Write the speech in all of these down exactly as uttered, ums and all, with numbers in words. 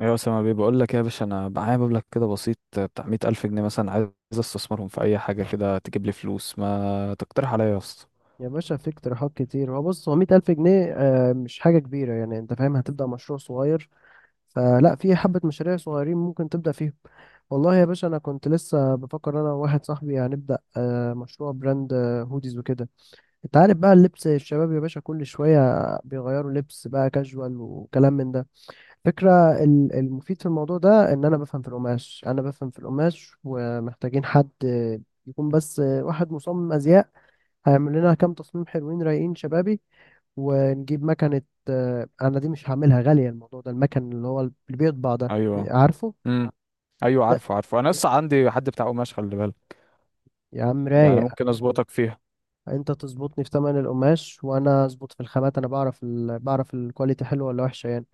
ايوه، اسامه بيه بقول لك إيه يا باشا؟ انا معايا مبلغ كده بسيط بتاع مية ألف جنيه مثلا، عايز استثمرهم في اي حاجه كده تجيب لي فلوس. ما تقترح عليا يا اسطى؟ يا باشا في اقتراحات كتير. هو بص، هو مية ألف جنيه آه، مش حاجة كبيرة يعني. أنت فاهم، هتبدأ مشروع صغير فلا، في حبة مشاريع صغيرين ممكن تبدأ فيهم. والله يا باشا أنا كنت لسه بفكر أنا وواحد صاحبي هنبدأ آه، مشروع براند، آه، هوديز وكده. أنت عارف بقى، اللبس الشباب يا باشا كل شوية بيغيروا لبس بقى كاجوال وكلام من ده. فكرة. ال- المفيد في الموضوع ده إن أنا بفهم في القماش، أنا بفهم في القماش ومحتاجين حد آه، يكون بس آه، واحد مصمم أزياء، هيعمل لنا كام تصميم حلوين رايقين شبابي، ونجيب مكنة. آه، أنا دي مش هعملها غالية، الموضوع ده المكن اللي هو اللي بيطبع ده. ايوه. عارفه؟ امم ايوه، لا عارفه عارفه، انا لسه عندي حد بتاع قماش، خلي بالك. يا عم يعني رايق. ممكن اظبطك فيها. أنت تظبطني في تمن القماش وأنا أظبط في الخامات. أنا بعرف ال... بعرف الكواليتي حلوة ولا وحشة يعني.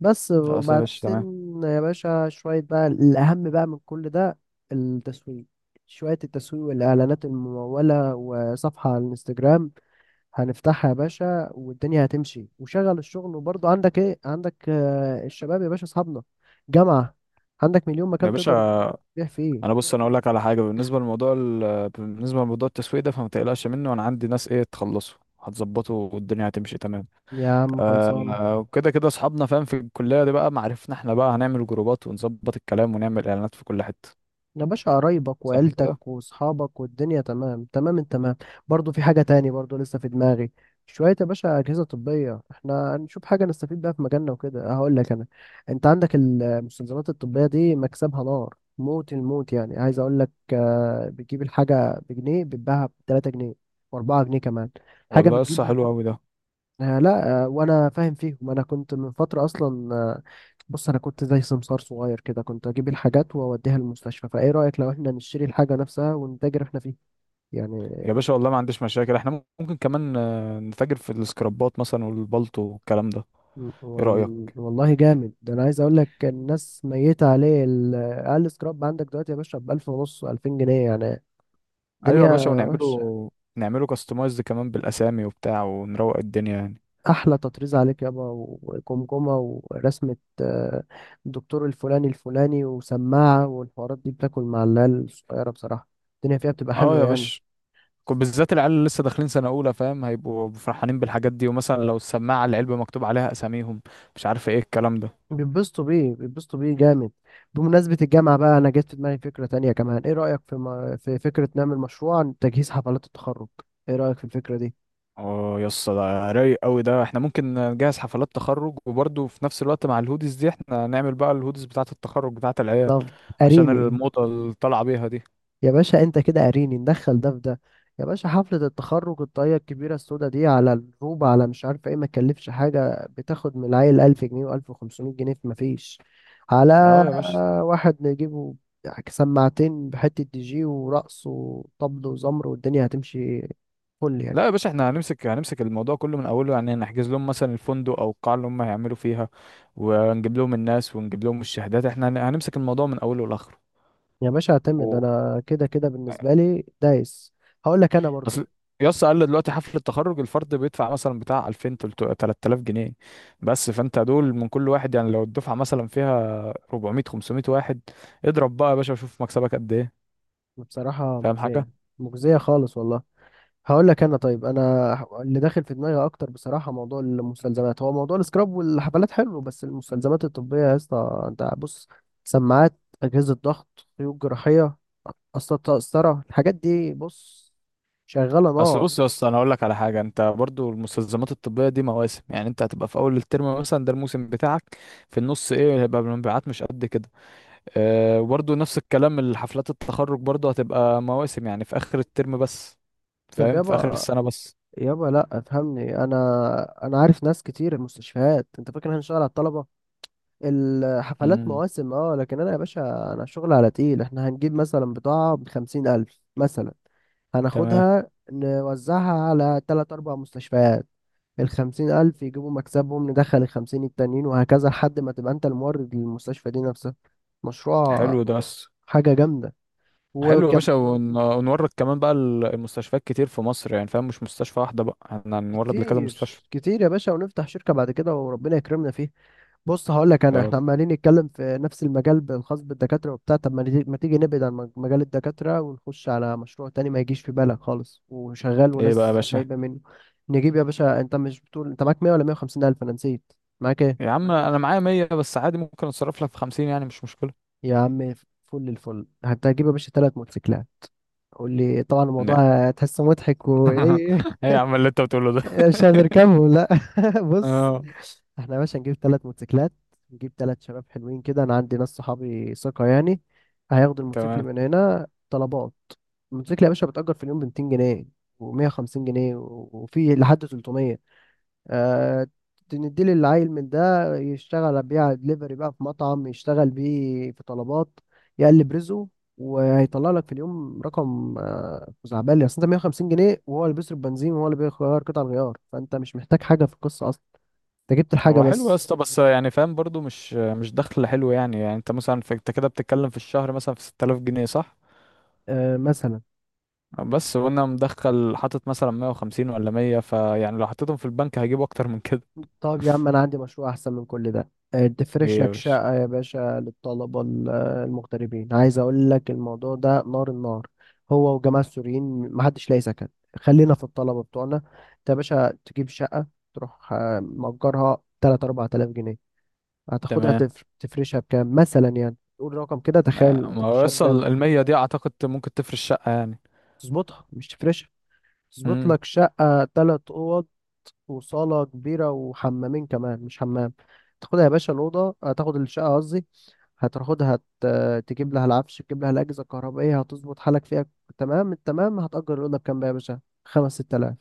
بس خلاص يا وبعدين باشا، تمام. يا باشا شوية بقى الأهم بقى من كل ده، التسويق. شوية التسويق والإعلانات الممولة وصفحة على الانستجرام هنفتحها يا باشا، والدنيا هتمشي. وشغل الشغل، وبرضه عندك ايه؟ عندك آه، الشباب يا باشا، اصحابنا جامعة. عندك مليون يا مكان تقدر باشا تبيع فيه. انا بص، انا اقول لك على حاجه، بالنسبه لموضوع ال... بالنسبه لموضوع التسويق ده، فما تقلقش منه، انا عندي ناس ايه تخلصه هتظبطه والدنيا هتمشي تمام. يا عم آه خلصانة. آه، وكده كده اصحابنا فاهم في الكليه دي بقى، معرفنا احنا بقى هنعمل جروبات ونظبط الكلام ونعمل اعلانات في كل حته. يا باشا قرايبك صح وعيلتك كده. واصحابك والدنيا تمام تمام التمام. برضو في حاجة تاني برضو لسه في دماغي، شوية يا باشا أجهزة طبية. احنا هنشوف حاجة نستفيد بيها في مجالنا وكده. هقول لك أنا، أنت عندك المستلزمات الطبية دي مكسبها نار، موت الموت يعني. عايز أقول لك آه، بتجيب الحاجة بجنيه بتباعها بتلاتة جنيه وأربعة جنيه كمان حاجة والله لسه بتجيب. حلو قوي ده. آه، لا آه، وانا فاهم فيهم. انا كنت من فتره اصلا آه، بص، انا كنت زي سمسار صغير كده، كنت اجيب الحاجات واوديها المستشفى. فايه رايك لو احنا نشتري الحاجه نفسها ونتاجر احنا فيها يعني؟ يا باشا والله ما عنديش مشاكل، احنا ممكن كمان آه، نتاجر في السكرابات مثلا والبلطو والكلام ده. ايه وال- رأيك؟ والله جامد ده. انا عايز اقول لك الناس ميته عليه، ال- اقل سكراب عندك دلوقتي يا باشا ب ألف ونص ألفين جنيه يعني. ايوه يا باشا، الدنيا وحشه. ونعمله نعمله كاستمايزد كمان بالاسامي وبتاع، ونروق الدنيا يعني. احلى تطريز عليك يابا، وجمجمه ورسمه، آه، الدكتور الفلاني الفلاني، وسماعه، والحوارات دي بتاكل مع العيال الصغيره بصراحه. الدنيا فيها بتبقى اه حلوه يا يعني. باشا، كنت بالذات العيال اللي لسه داخلين سنة أولى فاهم، هيبقوا فرحانين بالحاجات دي، ومثلا لو السماعة العلبة مكتوب عليها أساميهم، مش عارف ايه الكلام ده. بيتبسطوا بيه، بيتبسطوا بيه جامد. بمناسبه الجامعه بقى، انا جت في دماغي فكره تانية كمان. ايه رايك في م... في فكره نعمل مشروع عن تجهيز حفلات التخرج؟ ايه رايك في الفكره دي؟ اه يا اسطى، ده رايق قوي ده، احنا ممكن نجهز حفلات تخرج، وبرضه في نفس الوقت مع الهوديز دي احنا نعمل بقى الهوديز بتاعة التخرج بتاعة العيال، طب عشان اريني. الموضة اللي طالعة بيها دي. يا باشا انت كده قاريني، ندخل ده في ده. يا باشا حفلة التخرج الطاقية الكبيرة السودا دي على الروبة على مش عارف ايه، ما تكلفش حاجة، بتاخد من العيل ألف جنيه وألف وخمسمية جنيه، في مفيش. على اه يا باشا. واحد نجيبه يعني، سماعتين بحتة دي جي ورقص وطبل وزمر، والدنيا هتمشي فل لا يا يعني. باشا، احنا هنمسك هنمسك الموضوع كله من اوله، يعني نحجز لهم مثلا الفندق او القاعة اللي هم هيعملوا فيها، ونجيب لهم الناس، ونجيب لهم الشهادات، احنا هن- هنمسك الموضوع من اوله لاخره. يا باشا اعتمد و... انا كده كده، بالنسبة لي دايس. هقول لك انا برضو، اصل يا اسطى قال لي دلوقتي حفلة التخرج الفرد بيدفع مثلا بتاع ألفين تلت- تلات تلاف جنيه بس، فانت دول من كل واحد، يعني لو الدفعة مثلا فيها أربعمائة خمسمائة واحد، اضرب بقى يا باشا وشوف مكسبك قد ايه. بصراحة فاهم حاجه؟ مجزية، مجزية خالص والله. هقول لك انا، طيب انا اللي داخل في دماغي اكتر بصراحه موضوع المستلزمات. هو موضوع السكراب والحفلات حلو، بس المستلزمات الطبيه يا اسطى انت بص، سماعات، اجهزه ضغط، خيوط جراحيه، اصلا قسطره، الحاجات دي بص شغاله اصل نار. بص يا اسطى، انا اقول لك على حاجه، انت برضو المستلزمات الطبيه دي مواسم، يعني انت هتبقى في اول الترم مثلا ده الموسم بتاعك، في النص ايه هيبقى المبيعات مش قد كده. أه، وبرضو نفس الكلام، الحفلات التخرج برضو هتبقى مواسم، يعني في اخر الترم بس، طب فاهم؟ في اخر يابا، السنه بس. يابا لا افهمني انا. انا عارف ناس كتير المستشفيات. انت فاكر هنشتغل على الطلبه؟ الحفلات امم. مواسم اه، لكن انا يا باشا انا شغل على تقيل. احنا هنجيب مثلا بضاعة بخمسين الف مثلا، تمام. هناخدها نوزعها على تلات أربع مستشفيات. الخمسين ألف يجيبوا مكسبهم، ندخل الخمسين التانيين، وهكذا لحد ما تبقى أنت المورد للمستشفى دي نفسها. مشروع، حلو ده. بس حاجة جامدة. حلو يا باشا، ون- ونورد كمان بقى ال- المستشفيات كتير في مصر، يعني فاهم مش مستشفى واحده بقى، احنا هنورد لكذا مستشفى. كتير كتير يا باشا، ونفتح شركة بعد كده وربنا يكرمنا فيه. بص هقول لك انا، يا رب. احنا عمالين نتكلم في نفس المجال الخاص بالدكاترة وبتاع طب. ما نيجي- ما تيجي نبعد عن مج- مجال الدكاترة، ونخش على مشروع تاني ما يجيش في بالك خالص وشغال ايه بقى يا وناس باشا؟ جايبة منه. نجيب، يا باشا انت مش بتقول انت معاك مية ولا مية وخمسين الف؟ انا نسيت، معاك يا ايه؟ عم انا معايا مية بس، عادي ممكن اتصرف لك في خمسين، يعني مش مشكله. يا عم، فل الفل. هتجيب يا باشا ثلاث موتوسيكلات. قول لي طبعا، لا. الموضوع هتحسه مضحك وايه ايه يا عم اللي انت بتقوله ده؟ مش هنركبهم لا بص، اه. احنا يا باشا نجيب ثلاث موتوسيكلات، نجيب ثلاث شباب حلوين كده. انا عندي ناس صحابي ثقة يعني، هياخدوا الموتوسيكل تمام. من هنا طلبات. الموتوسيكل يا باشا بتأجر في اليوم ب ميتين جنيه و150 جنيه و- وفي لحد تلتمية. أه، تنديلي العيل من ده يشتغل بيع دليفري بقى في مطعم، يشتغل بيه في طلبات يقلب رزقه، وهيطلع لك في اليوم رقم آه، خزعبلي. اصل انت مية وخمسين جنيه، وهو اللي بيصرف بنزين، وهو اللي بيغير قطع الغيار. فانت مش محتاج حاجة في القصة اصلا، انت جبت الحاجة هو حلو يا بس. اسطى، بس يعني فاهم برضو مش مش دخل حلو، يعني يعني انت مثلا، في انت كده بتتكلم في الشهر مثلا في ستة آلاف جنيه صح؟ آه، مثلا. بس وانا مدخل حاطط مثلا مئة وخمسين ولا مية، فيعني لو حطيتهم في البنك هجيب اكتر من كده. طب يا عم انا عندي مشروع احسن من كل ده آه، تفرش ايه يا لك باشا؟ شقة يا باشا للطلبة ال- آه، المغتربين. عايز اقول لك الموضوع ده نار النار. هو وجماعة السوريين محدش لاقي سكن. خلينا في الطلبة بتوعنا. انت يا باشا تجيب شقة، تروح آه، مأجرها تلاتة أربعة آلاف جنيه، هتاخدها تمام. تفر- تفرشها بكام مثلا يعني؟ تقول رقم كده، ما تخيل ما هو تفرشها بكام. يوصل ال مية دي اعتقد ممكن تفرش شقه يعني. تظبطها مش تفرشها. تظبط امم. لك شقة تلات أوض وصالة كبيرة وحمامين كمان، مش حمام. تاخدها يا باشا الأوضة، هتاخد الشقة قصدي. هتاخدها، ت- تجيب لها العفش، تجيب لها الأجهزة الكهربائية، هتظبط حالك فيها تمام التمام. هتأجر الأوضة بكام بقى يا باشا؟ خمس ست آلاف.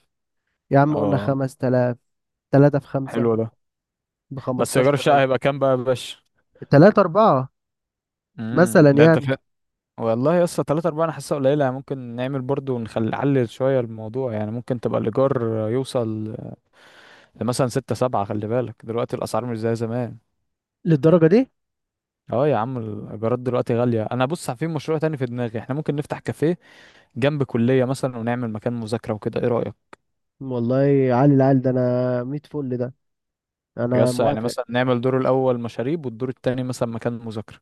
يا عم قلنا اه. خمس تلاف، تلاتة في خمسة، حلو ده. بس ايجار بخمستاشر الشقه ألف هيبقى كام بقى يا باشا؟ تلاتة أربعة امم مثلا ده انت، يعني. والله يا اسطى تلاتة أربعة أنا حاسسها قليلة يعني، ممكن نعمل برضو ونخلي نعلل شوية الموضوع، يعني ممكن تبقى الإيجار يوصل لمثلا ستة سبعة، خلي بالك دلوقتي الأسعار مش زي زمان. للدرجة دي؟ اه يا عم، الإيجارات دلوقتي غالية. أنا بص، في مشروع تاني في دماغي، احنا ممكن نفتح كافيه جنب كلية مثلا، ونعمل مكان مذاكرة وكده، ايه رأيك؟ والله عالي العال ده، أنا ميت فل ده، يا أنا اسطى يعني موافق. مثلا نعمل دور الأول مشاريب، والدور التاني مثلا مكان مذاكرة.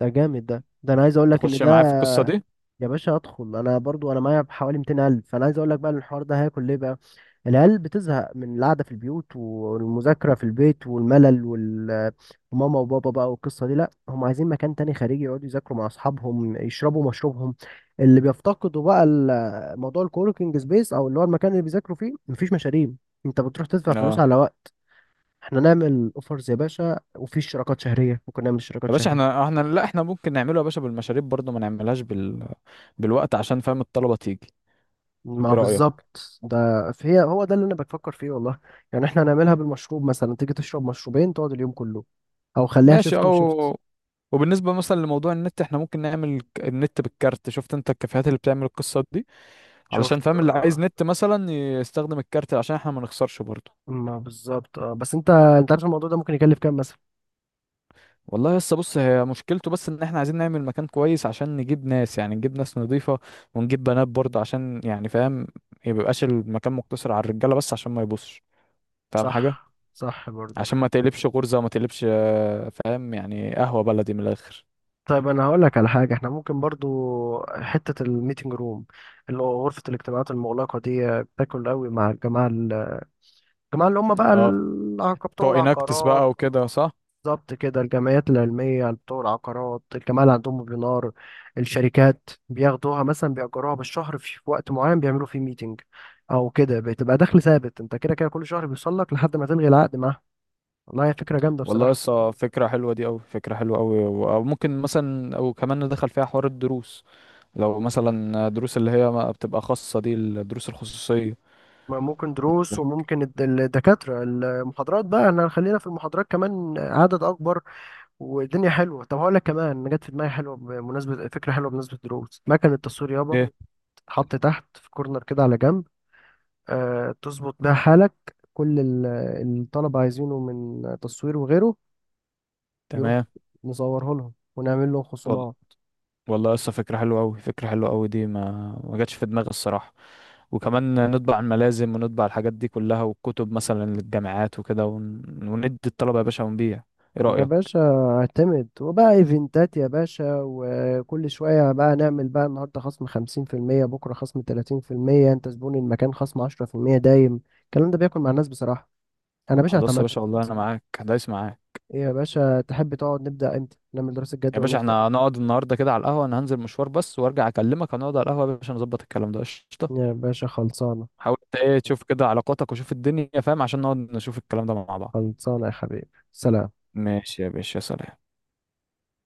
ده جامد ده، ده أنا عايز أقول طب لك إن تخش ما ده، معايا في حلو القصة دي. يا باشا ادخل. انا برضو انا معايا حوالي ميتين قلب. فانا عايز اقول لك بقى إن الحوار ده هياكل ليه بقى. العيال بتزهق من القعده في البيوت والمذاكره في البيت والملل وال- وماما وبابا بقى والقصه دي لا، هم عايزين مكان تاني خارجي يقعدوا يذاكروا مع اصحابهم، يشربوا مشروبهم. اللي بيفتقدوا بقى ال- موضوع الكوركينج سبيس، او اللي هو المكان اللي بيذاكروا فيه مفيش مشاريب، انت بتروح تدفع فلوس اه على وقت. احنا نعمل اوفرز يا باشا، وفي اشتراكات شهريه، ممكن نعمل اشتراكات يا باشا، شهريه. احنا احنا لا، احنا ممكن نعمله يا باشا بالمشاريب برضو، ما نعملهاش بال... بالوقت، عشان فاهم الطلبة تيجي. ما ايه رأيك؟ بالظبط ده، فهي هو ده اللي انا بفكر فيه والله. يعني احنا هنعملها بالمشروب، مثلا تيجي تشرب مشروبين تقعد اليوم كله، او خليها ماشي، شفت وشفت. او وبالنسبة مثلا لموضوع النت، احنا ممكن نعمل ك- النت بالكارت. شفت انت الكافيهات اللي بتعمل القصات دي؟ علشان شفت فاهم اللي عايز آه. نت مثلا يستخدم الكارت، عشان احنا ما نخسرش برضه. ما بالظبط اه، بس انت انت عارف الموضوع ده ممكن يكلف كام مثلا؟ والله لسه بص، هي مشكلته بس ان احنا عايزين نعمل مكان كويس عشان نجيب ناس، يعني نجيب ناس نضيفة، ونجيب بنات برضه، عشان يعني فاهم ميبقاش المكان مقتصر على الرجالة بس، عشان ما يبصش فاهم حاجة، صح صح برضو. عشان ما تقلبش غرزة وما تقلبش، آه، فاهم يعني قهوة بلدي من الآخر. طيب انا هقول لك على حاجة، احنا ممكن برضو حتة الميتنج روم، اللي هو غرفة الاجتماعات المغلقة دي، بتاكل قوي مع الجماعة ال- الجماعة اللي هم بقى اه، العقبة بتوع بتوع اناكتس العقارات. بقى وكده، صح؟ بالظبط كده، الجمعيات العلمية بتوع العقارات، الجماعة اللي عندهم ويبينار، الشركات بياخدوها مثلا، بيأجروها بالشهر في في وقت معين بيعملوا فيه ميتنج أو كده. بتبقى دخل ثابت، أنت كده كده كل شهر بيوصل لك لحد ما تلغي العقد معاه. والله هي فكرة جامدة والله بصراحة. لسه فكرة حلوة دي أوي، فكرة حلوة أوي، و- أو ممكن مثلا أو كمان ندخل فيها حوار الدروس، لو مثلا دروس اللي هي ما بتبقى خاصة دي، الدروس الخصوصية. ما ممكن دروس، وممكن الد- الدكاترة المحاضرات بقى، احنا خلينا في المحاضرات كمان عدد أكبر والدنيا حلوة. طب هقول لك كمان جت في دماغي حلوة بمناسبة، فكرة حلوة بمناسبة دروس، مكنة التصوير يابا إيه؟ تتحط تحت في كورنر كده على جنب، آه، تظبط بيها حالك. كل ال- الطلبة عايزينه من تصوير وغيره يروح تمام. نصوره لهم ونعمل لهم وال- خصومات. والله لسه فكرة حلوة أوي، فكرة حلوة أوي دي ما ما جاتش في دماغي الصراحة. وكمان نطبع الملازم، ونطبع الحاجات دي كلها والكتب مثلا للجامعات وكده، ون... وندي الطلبة يا باشا ونبيع. إيه يا رأيك؟ باشا اعتمد. وبقى ايفنتات يا باشا، وكل شوية بقى نعمل بقى النهاردة خصم خمسين في المية، بكرة خصم تلاتين في المية، انت زبون المكان خصم عشرة في المية دايم. الكلام ده بياكل مع الناس بصراحة. انا يا باشا خلاص يا اعتمدت. باشا، والله أنا معاك، دايس معاك. إيه يا باشا، تحب تقعد نبدأ امتى، نعمل دراسة يا جدوى باشا ونبدأ؟ احنا هنقعد النهارده كده على القهوه، انا هنزل مشوار بس وارجع اكلمك، هنقعد على القهوه يا باشا نظبط الكلام ده، قشطه. يا باشا خلصانة. حاول انت ايه تشوف كده علاقاتك، وشوف الدنيا فاهم، عشان نقعد نشوف الكلام ده مع بعض. خلصانة يا حبيبي، سلام. ماشي يا باشا، سلام.